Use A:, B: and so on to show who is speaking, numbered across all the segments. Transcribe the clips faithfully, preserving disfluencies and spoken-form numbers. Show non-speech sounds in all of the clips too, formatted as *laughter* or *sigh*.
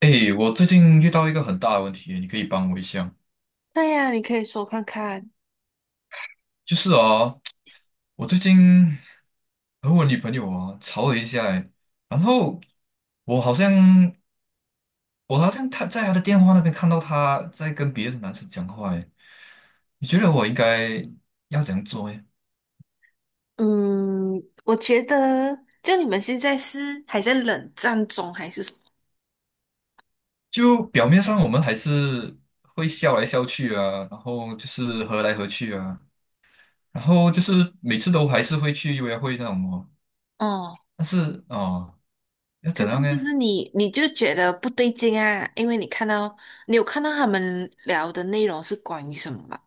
A: 诶，我最近遇到一个很大的问题，你可以帮我一下。
B: 对呀，你可以说看看。
A: 就是啊，我最近和我女朋友啊吵了一下，诶，然后我好像我好像她在她的电话那边看到她在跟别的男生讲话诶，你觉得我应该要怎样做诶？
B: 嗯，我觉得就你们现在是还在冷战中还是什么？
A: 就表面上我们还是会笑来笑去啊，然后就是和来和去啊，然后就是每次都还是会去约会那种哦，
B: 哦，
A: 但是哦，要
B: 可
A: 怎
B: 是
A: 样
B: 就
A: 呢？
B: 是你，你就觉得不对劲啊，因为你看到你有看到他们聊的内容是关于什么吧？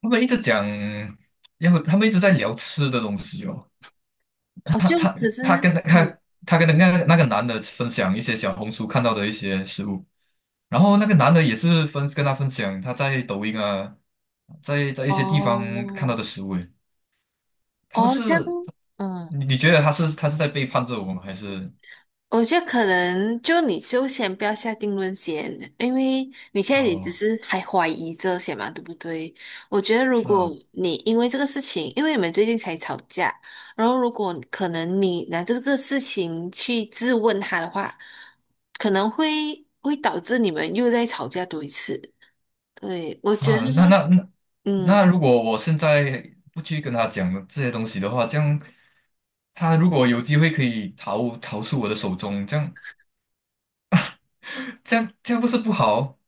A: 他们一直讲，然后他们一直在聊吃的东西哦。
B: 哦，就可是
A: 他跟
B: 嗯，
A: 他他跟那个那个男的分享一些小红书看到的一些食物，然后那个男的也是分跟他分享他在抖音啊，在在一些地方看
B: 哦
A: 到的食物诶。他们
B: 哦，这样，
A: 是，
B: 嗯。
A: 你你觉得他是他是在背叛着我们，还是
B: 我觉得可能就你就先不要下定论先，因为你现在也只
A: 哦？
B: 是还怀疑这些嘛，对不对？我觉得如
A: 是啊。
B: 果你因为这个事情，因为你们最近才吵架，然后如果可能你拿这个事情去质问他的话，可能会会导致你们又在吵架多一次。对，我觉得，
A: 啊那那那那
B: 嗯。
A: 如果我现在不去跟他讲这些东西的话，这样他如果有机会可以逃逃出我的手中，这样。这样这样不是不好哦？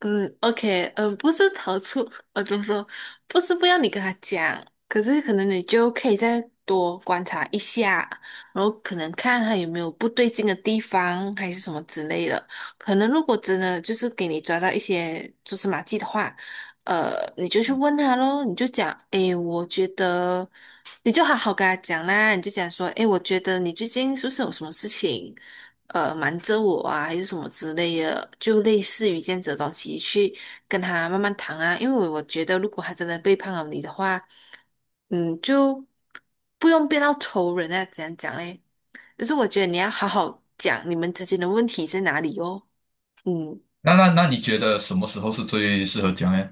B: 嗯，OK，嗯，不是逃出，呃，就么说？不是不要你跟他讲，可是可能你就可以再多观察一下，然后可能看他有没有不对劲的地方，还是什么之类的。可能如果真的就是给你抓到一些蛛丝马迹的话，呃，你就去问他咯，你就讲，诶，我觉得。你就好好跟他讲啦，你就讲说，诶，我觉得你最近是不是有什么事情，呃，瞒着我啊，还是什么之类的，就类似于这样子的东西，去跟他慢慢谈啊。因为我觉得，如果他真的背叛了你的话，嗯，就不用变到仇人啊，怎样讲嘞？就是我觉得你要好好讲你们之间的问题在哪里哦。嗯，
A: 那那那你觉得什么时候是最适合讲呢？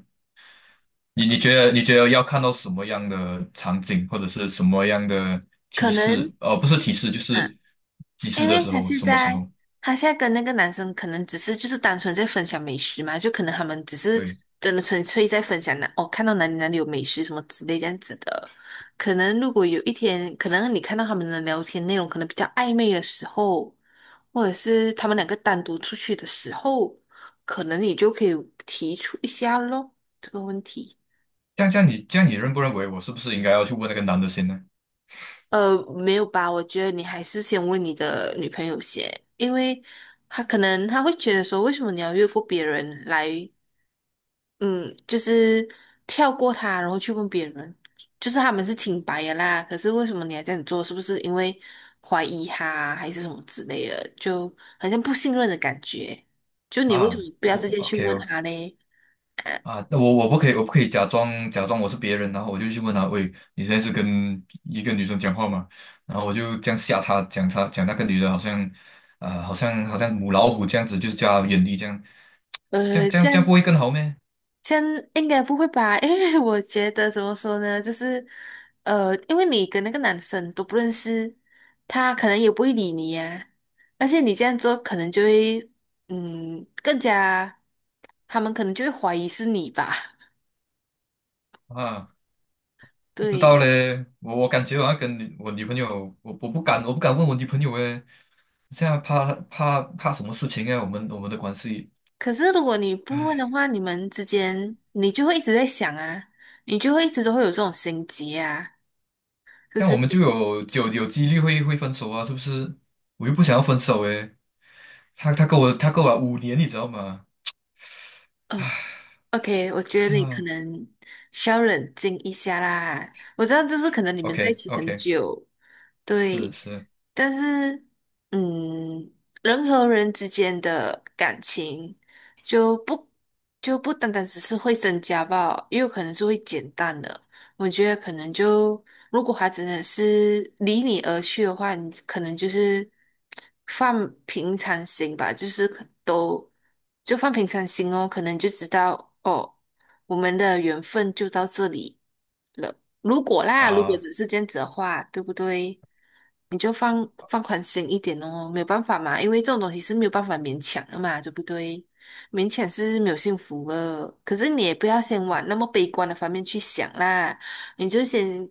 A: 你你觉得你觉得要看到什么样的场景，或者是什么样的
B: 可
A: 提示？
B: 能
A: 呃，不是提示，就
B: 啊。
A: 是及时
B: 因
A: 的
B: 为
A: 时
B: 他
A: 候，
B: 现
A: 什么时
B: 在，
A: 候？
B: 他现在跟那个男生可能只是就是单纯在分享美食嘛，就可能他们只是
A: 对，
B: 真的纯粹在分享那哦，看到哪里哪里有美食什么之类这样子的。可能如果有一天，可能你看到他们的聊天内容可能比较暧昧的时候，或者是他们两个单独出去的时候，可能你就可以提出一下咯，这个问题。
A: 这样这样你这样你认不认为我是不是应该要去问那个男的先呢？
B: 呃，没有吧？我觉得你还是先问你的女朋友先，因为她可能她会觉得说，为什么你要越过别人来，嗯，就是跳过他，然后去问别人，就是他们是清白的啦，可是为什么你还这样做？是不是因为怀疑他还是什么之类的？就好像不信任的感觉。就你为什么
A: 啊，
B: 不要
A: 我
B: 直接去
A: OK
B: 问
A: 哦。
B: 他呢？*laughs*
A: 啊，那我我不可以，我不可以假装假装我是别人，然后我就去问他，喂，你现在是跟一个女生讲话吗？然后我就这样吓他，讲他讲那个女的好像，啊、好像好像母老虎这样子，就是叫他远离这样，这样
B: 呃，
A: 这样
B: 这
A: 这样
B: 样
A: 不会更好咩？
B: 先应该不会吧？*laughs* 因为我觉得怎么说呢，就是呃，因为你跟那个男生都不认识，他可能也不会理你呀、而且你这样做，可能就会嗯，更加他们可能就会怀疑是你吧？
A: 啊，
B: *laughs*
A: 不知道
B: 对。
A: 嘞，我我感觉我要跟女我女朋友，我我不敢我不敢问我女朋友诶，现在怕怕怕什么事情啊？我们我们的关系，
B: 可是如果你不问的
A: 唉，
B: 话，你们之间你就会一直在想啊，你就会一直都会有这种心结啊，就
A: 但我
B: 是。
A: 们就有就有几率会会分手啊，是不是？我又不想要分手诶。他他跟我他跟我五年，你知道吗？
B: 呃 OK，我觉得
A: 是
B: 你可
A: 啊
B: 能需要冷静一下啦。我知道，就是可能你们在一
A: ，OK
B: 起很
A: OK,
B: 久，
A: 是
B: 对，
A: 是
B: 但是，嗯，人和人之间的感情就不就不单单只是会增加吧，也有可能是会减淡的。我觉得可能就如果他真的是离你而去的话，你可能就是放平常心吧，就是可都就放平常心哦，可能就知道哦。我们的缘分就到这里了。如果啦，如果
A: 啊，
B: 只是这样子的话，对不对？你就放放宽心一点哦，没有办法嘛，因为这种东西是没有办法勉强的嘛，对不对？勉强是没有幸福的，可是你也不要先往那么悲观的方面去想啦，你就先。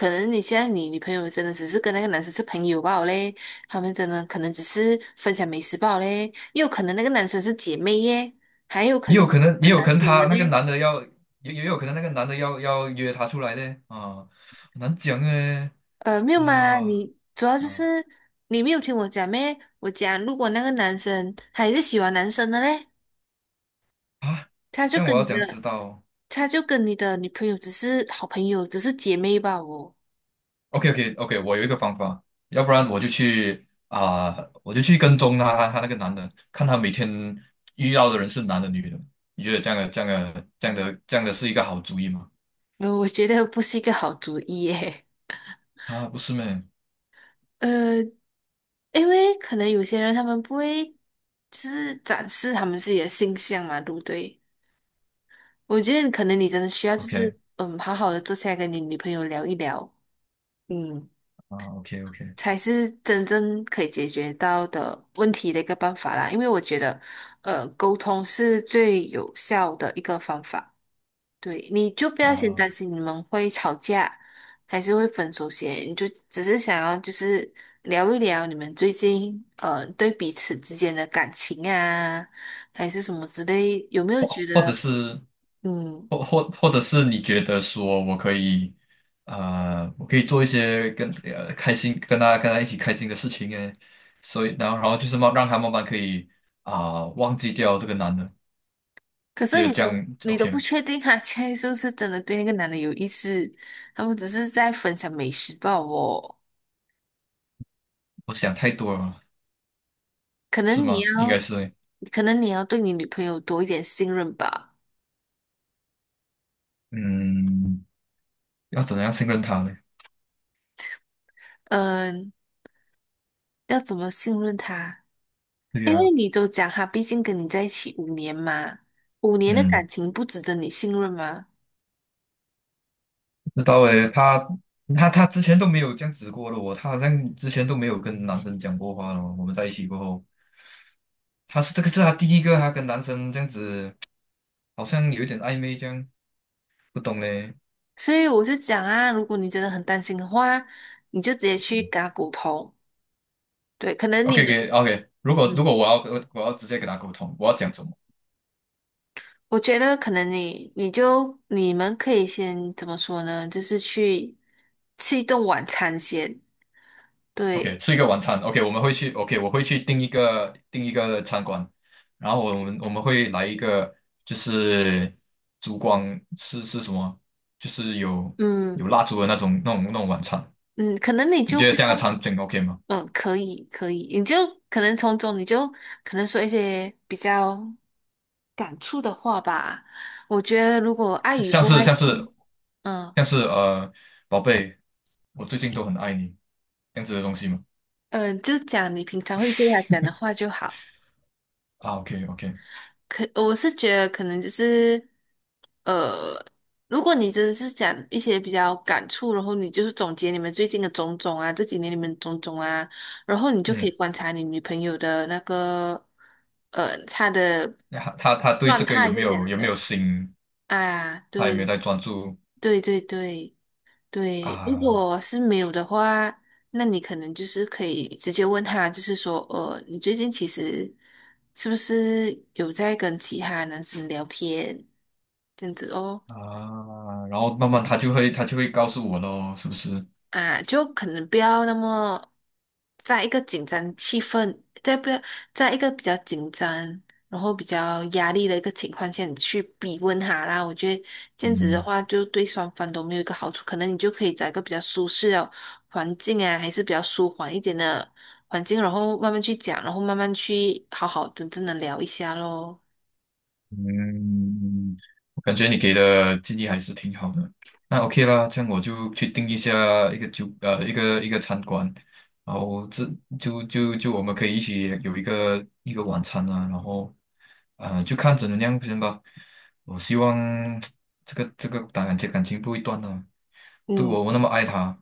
B: 可能你现在你女朋友真的只是跟那个男生是朋友罢了嘞，他们真的可能只是分享美食罢了嘞，也有可能那个男生是姐妹耶，还有可
A: 也
B: 能
A: 有
B: 是喜
A: 可能也
B: 欢
A: 有可
B: 男
A: 能
B: 生的
A: 他那个
B: 嘞。
A: 男的要也也有可能那个男的要要约她出来的啊，很难讲哎，
B: 呃，没有
A: 哇。
B: 嘛，你主要就
A: 啊
B: 是你没有听我讲咩？我讲，如果那个男生他也是喜欢男生的嘞，
A: 啊，
B: 他就
A: 这样我
B: 跟
A: 要
B: 你
A: 怎样知
B: 的，
A: 道
B: 他就跟你的女朋友只是好朋友，只是姐妹吧哦。
A: ？OK OK OK,我有一个方法，要不然我就去啊，我就去跟踪他他那个男的，看他每天遇到的人是男的女的，你觉得这样的这样的这样的这样的是一个好主意吗？
B: 呃我觉得不是一个好主意耶。
A: 啊，不是咩
B: *laughs* 呃，因为可能有些人他们不会，就是展示他们自己的性向嘛，对不对？我觉得可能你真的需要就
A: ？OK。
B: 是，嗯，好好的坐下来跟你女朋友聊一聊，嗯。
A: 啊，OK OK,
B: 才是真正可以解决到的问题的一个办法啦。因为我觉得，呃，沟通是最有效的一个方法。对，你就不要先
A: 啊，
B: 担心你们会吵架，还是会分手先，你就只是想要就是聊一聊你们最近呃对彼此之间的感情啊，还是什么之类，有没有觉
A: 或者
B: 得
A: 是
B: 嗯？
A: 或或或者是你觉得说我可以呃，我可以做一些跟呃开心跟他跟他一起开心的事情诶，所以然后然后就是慢让他慢慢可以啊、忘记掉这个男的，
B: 可
A: 觉
B: 是
A: 得
B: 你
A: 这
B: 都
A: 样
B: 你都不
A: OK,
B: 确定他 *laughs* 现在是不是真的对那个男的有意思，他们只是在分享美食报哦。
A: 我想太多了，
B: 可
A: 是
B: 能你
A: 吗？应该
B: 要，
A: 是。
B: 可能你要对你女朋友多一点信任吧。
A: 嗯，要怎样信任他呢？
B: 嗯，要怎么信任她？
A: 对
B: 因为
A: 呀、
B: 你都讲她毕竟跟你在一起五年嘛，五年的
A: 嗯。
B: 感情不值得你信任吗？
A: 知道诶，他他他之前都没有这样子过的哦，他好像之前都没有跟男生讲过话了哦。我们在一起过后，他是这个是他第一个，他跟男生这样子，好像有一点暧昧这样，不懂嘞。
B: 所以我就讲啊，如果你真的很担心的话，你就直接去跟她头。对，可能你们，
A: OK，OK，OK。如果
B: 嗯，
A: 如果我要我我要直接跟他沟通，我要讲什么
B: 我觉得可能你，你就你们可以先怎么说呢？就是去吃一顿晚餐先。
A: ？OK,
B: 对，
A: 吃一个晚餐。OK,我们会去 OK,我会去订一个订一个餐馆，然后我们我们会来一个就是烛光是是什么？就是有
B: 嗯
A: 有蜡烛的那种那种那种晚餐。
B: 嗯，可能你
A: 你
B: 就
A: 觉得
B: 不
A: 这样的
B: 用。
A: 场景 OK 吗？
B: 嗯，可以可以，你就可能从中你就可能说一些比较感触的话吧。我觉得如果爱与
A: 像
B: 不
A: 是
B: 爱
A: 像
B: 是，
A: 是
B: 嗯
A: 像是呃，宝贝，我最近都很爱你，这样子的东西吗？
B: 嗯，就讲你平常会对他讲的话就好。
A: 啊，OK OK,
B: 可我是觉得可能就是，呃，如果你真的是讲一些比较感触，然后你就是总结你们最近的种种啊，这几年你们种种啊，然后你就可以
A: 嗯，
B: 观察你女朋友的那个，呃，她的
A: 那他他他对这
B: 状
A: 个
B: 态
A: 有没
B: 是怎
A: 有
B: 样
A: 有没有
B: 的。
A: 心？
B: 啊，
A: 他有没有
B: 对
A: 在专注
B: 对对对对，如
A: 啊
B: 果是没有的话，那你可能就是可以直接问他，就是说，呃，你最近其实是不是有在跟其他男生聊天这样子哦？
A: 啊？然后慢慢他就会他就会告诉我咯，是不是？
B: 啊，就可能不要那么在一个紧张气氛，在不要在一个比较紧张，然后比较压力的一个情况下，你去逼问他啦。我觉得这样子的
A: 嗯。
B: 话，就对双方都没有一个好处。可能你就可以找一个比较舒适的环境啊，还是比较舒缓一点的环境，然后慢慢去讲，然后慢慢去好好真正的聊一下咯。
A: 嗯，嗯嗯嗯我感觉你给的建议还是挺好的。那 OK 啦，这样我就去定一下一个酒呃一个呃一个餐馆，然后这就就就我们可以一起有一个一个晚餐啊，然后呃就看怎么样先吧。我希望这个这个感情感情不会断啊，对
B: 嗯。
A: 我我那么爱他。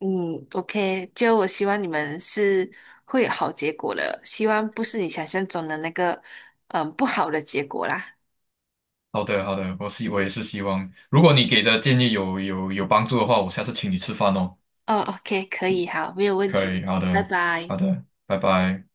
B: 嗯，OK，就我希望你们是会有好结果的，希望不是你想象中的那个，嗯，不好的结果啦。
A: 好的好的，我希我也是希望，如果你给的建议有有有帮助的话，我下次请你吃饭哦。
B: 哦，OK，可以，好，没有问
A: 可以，
B: 题，
A: 好
B: 拜
A: 的好
B: 拜。
A: 的，拜拜。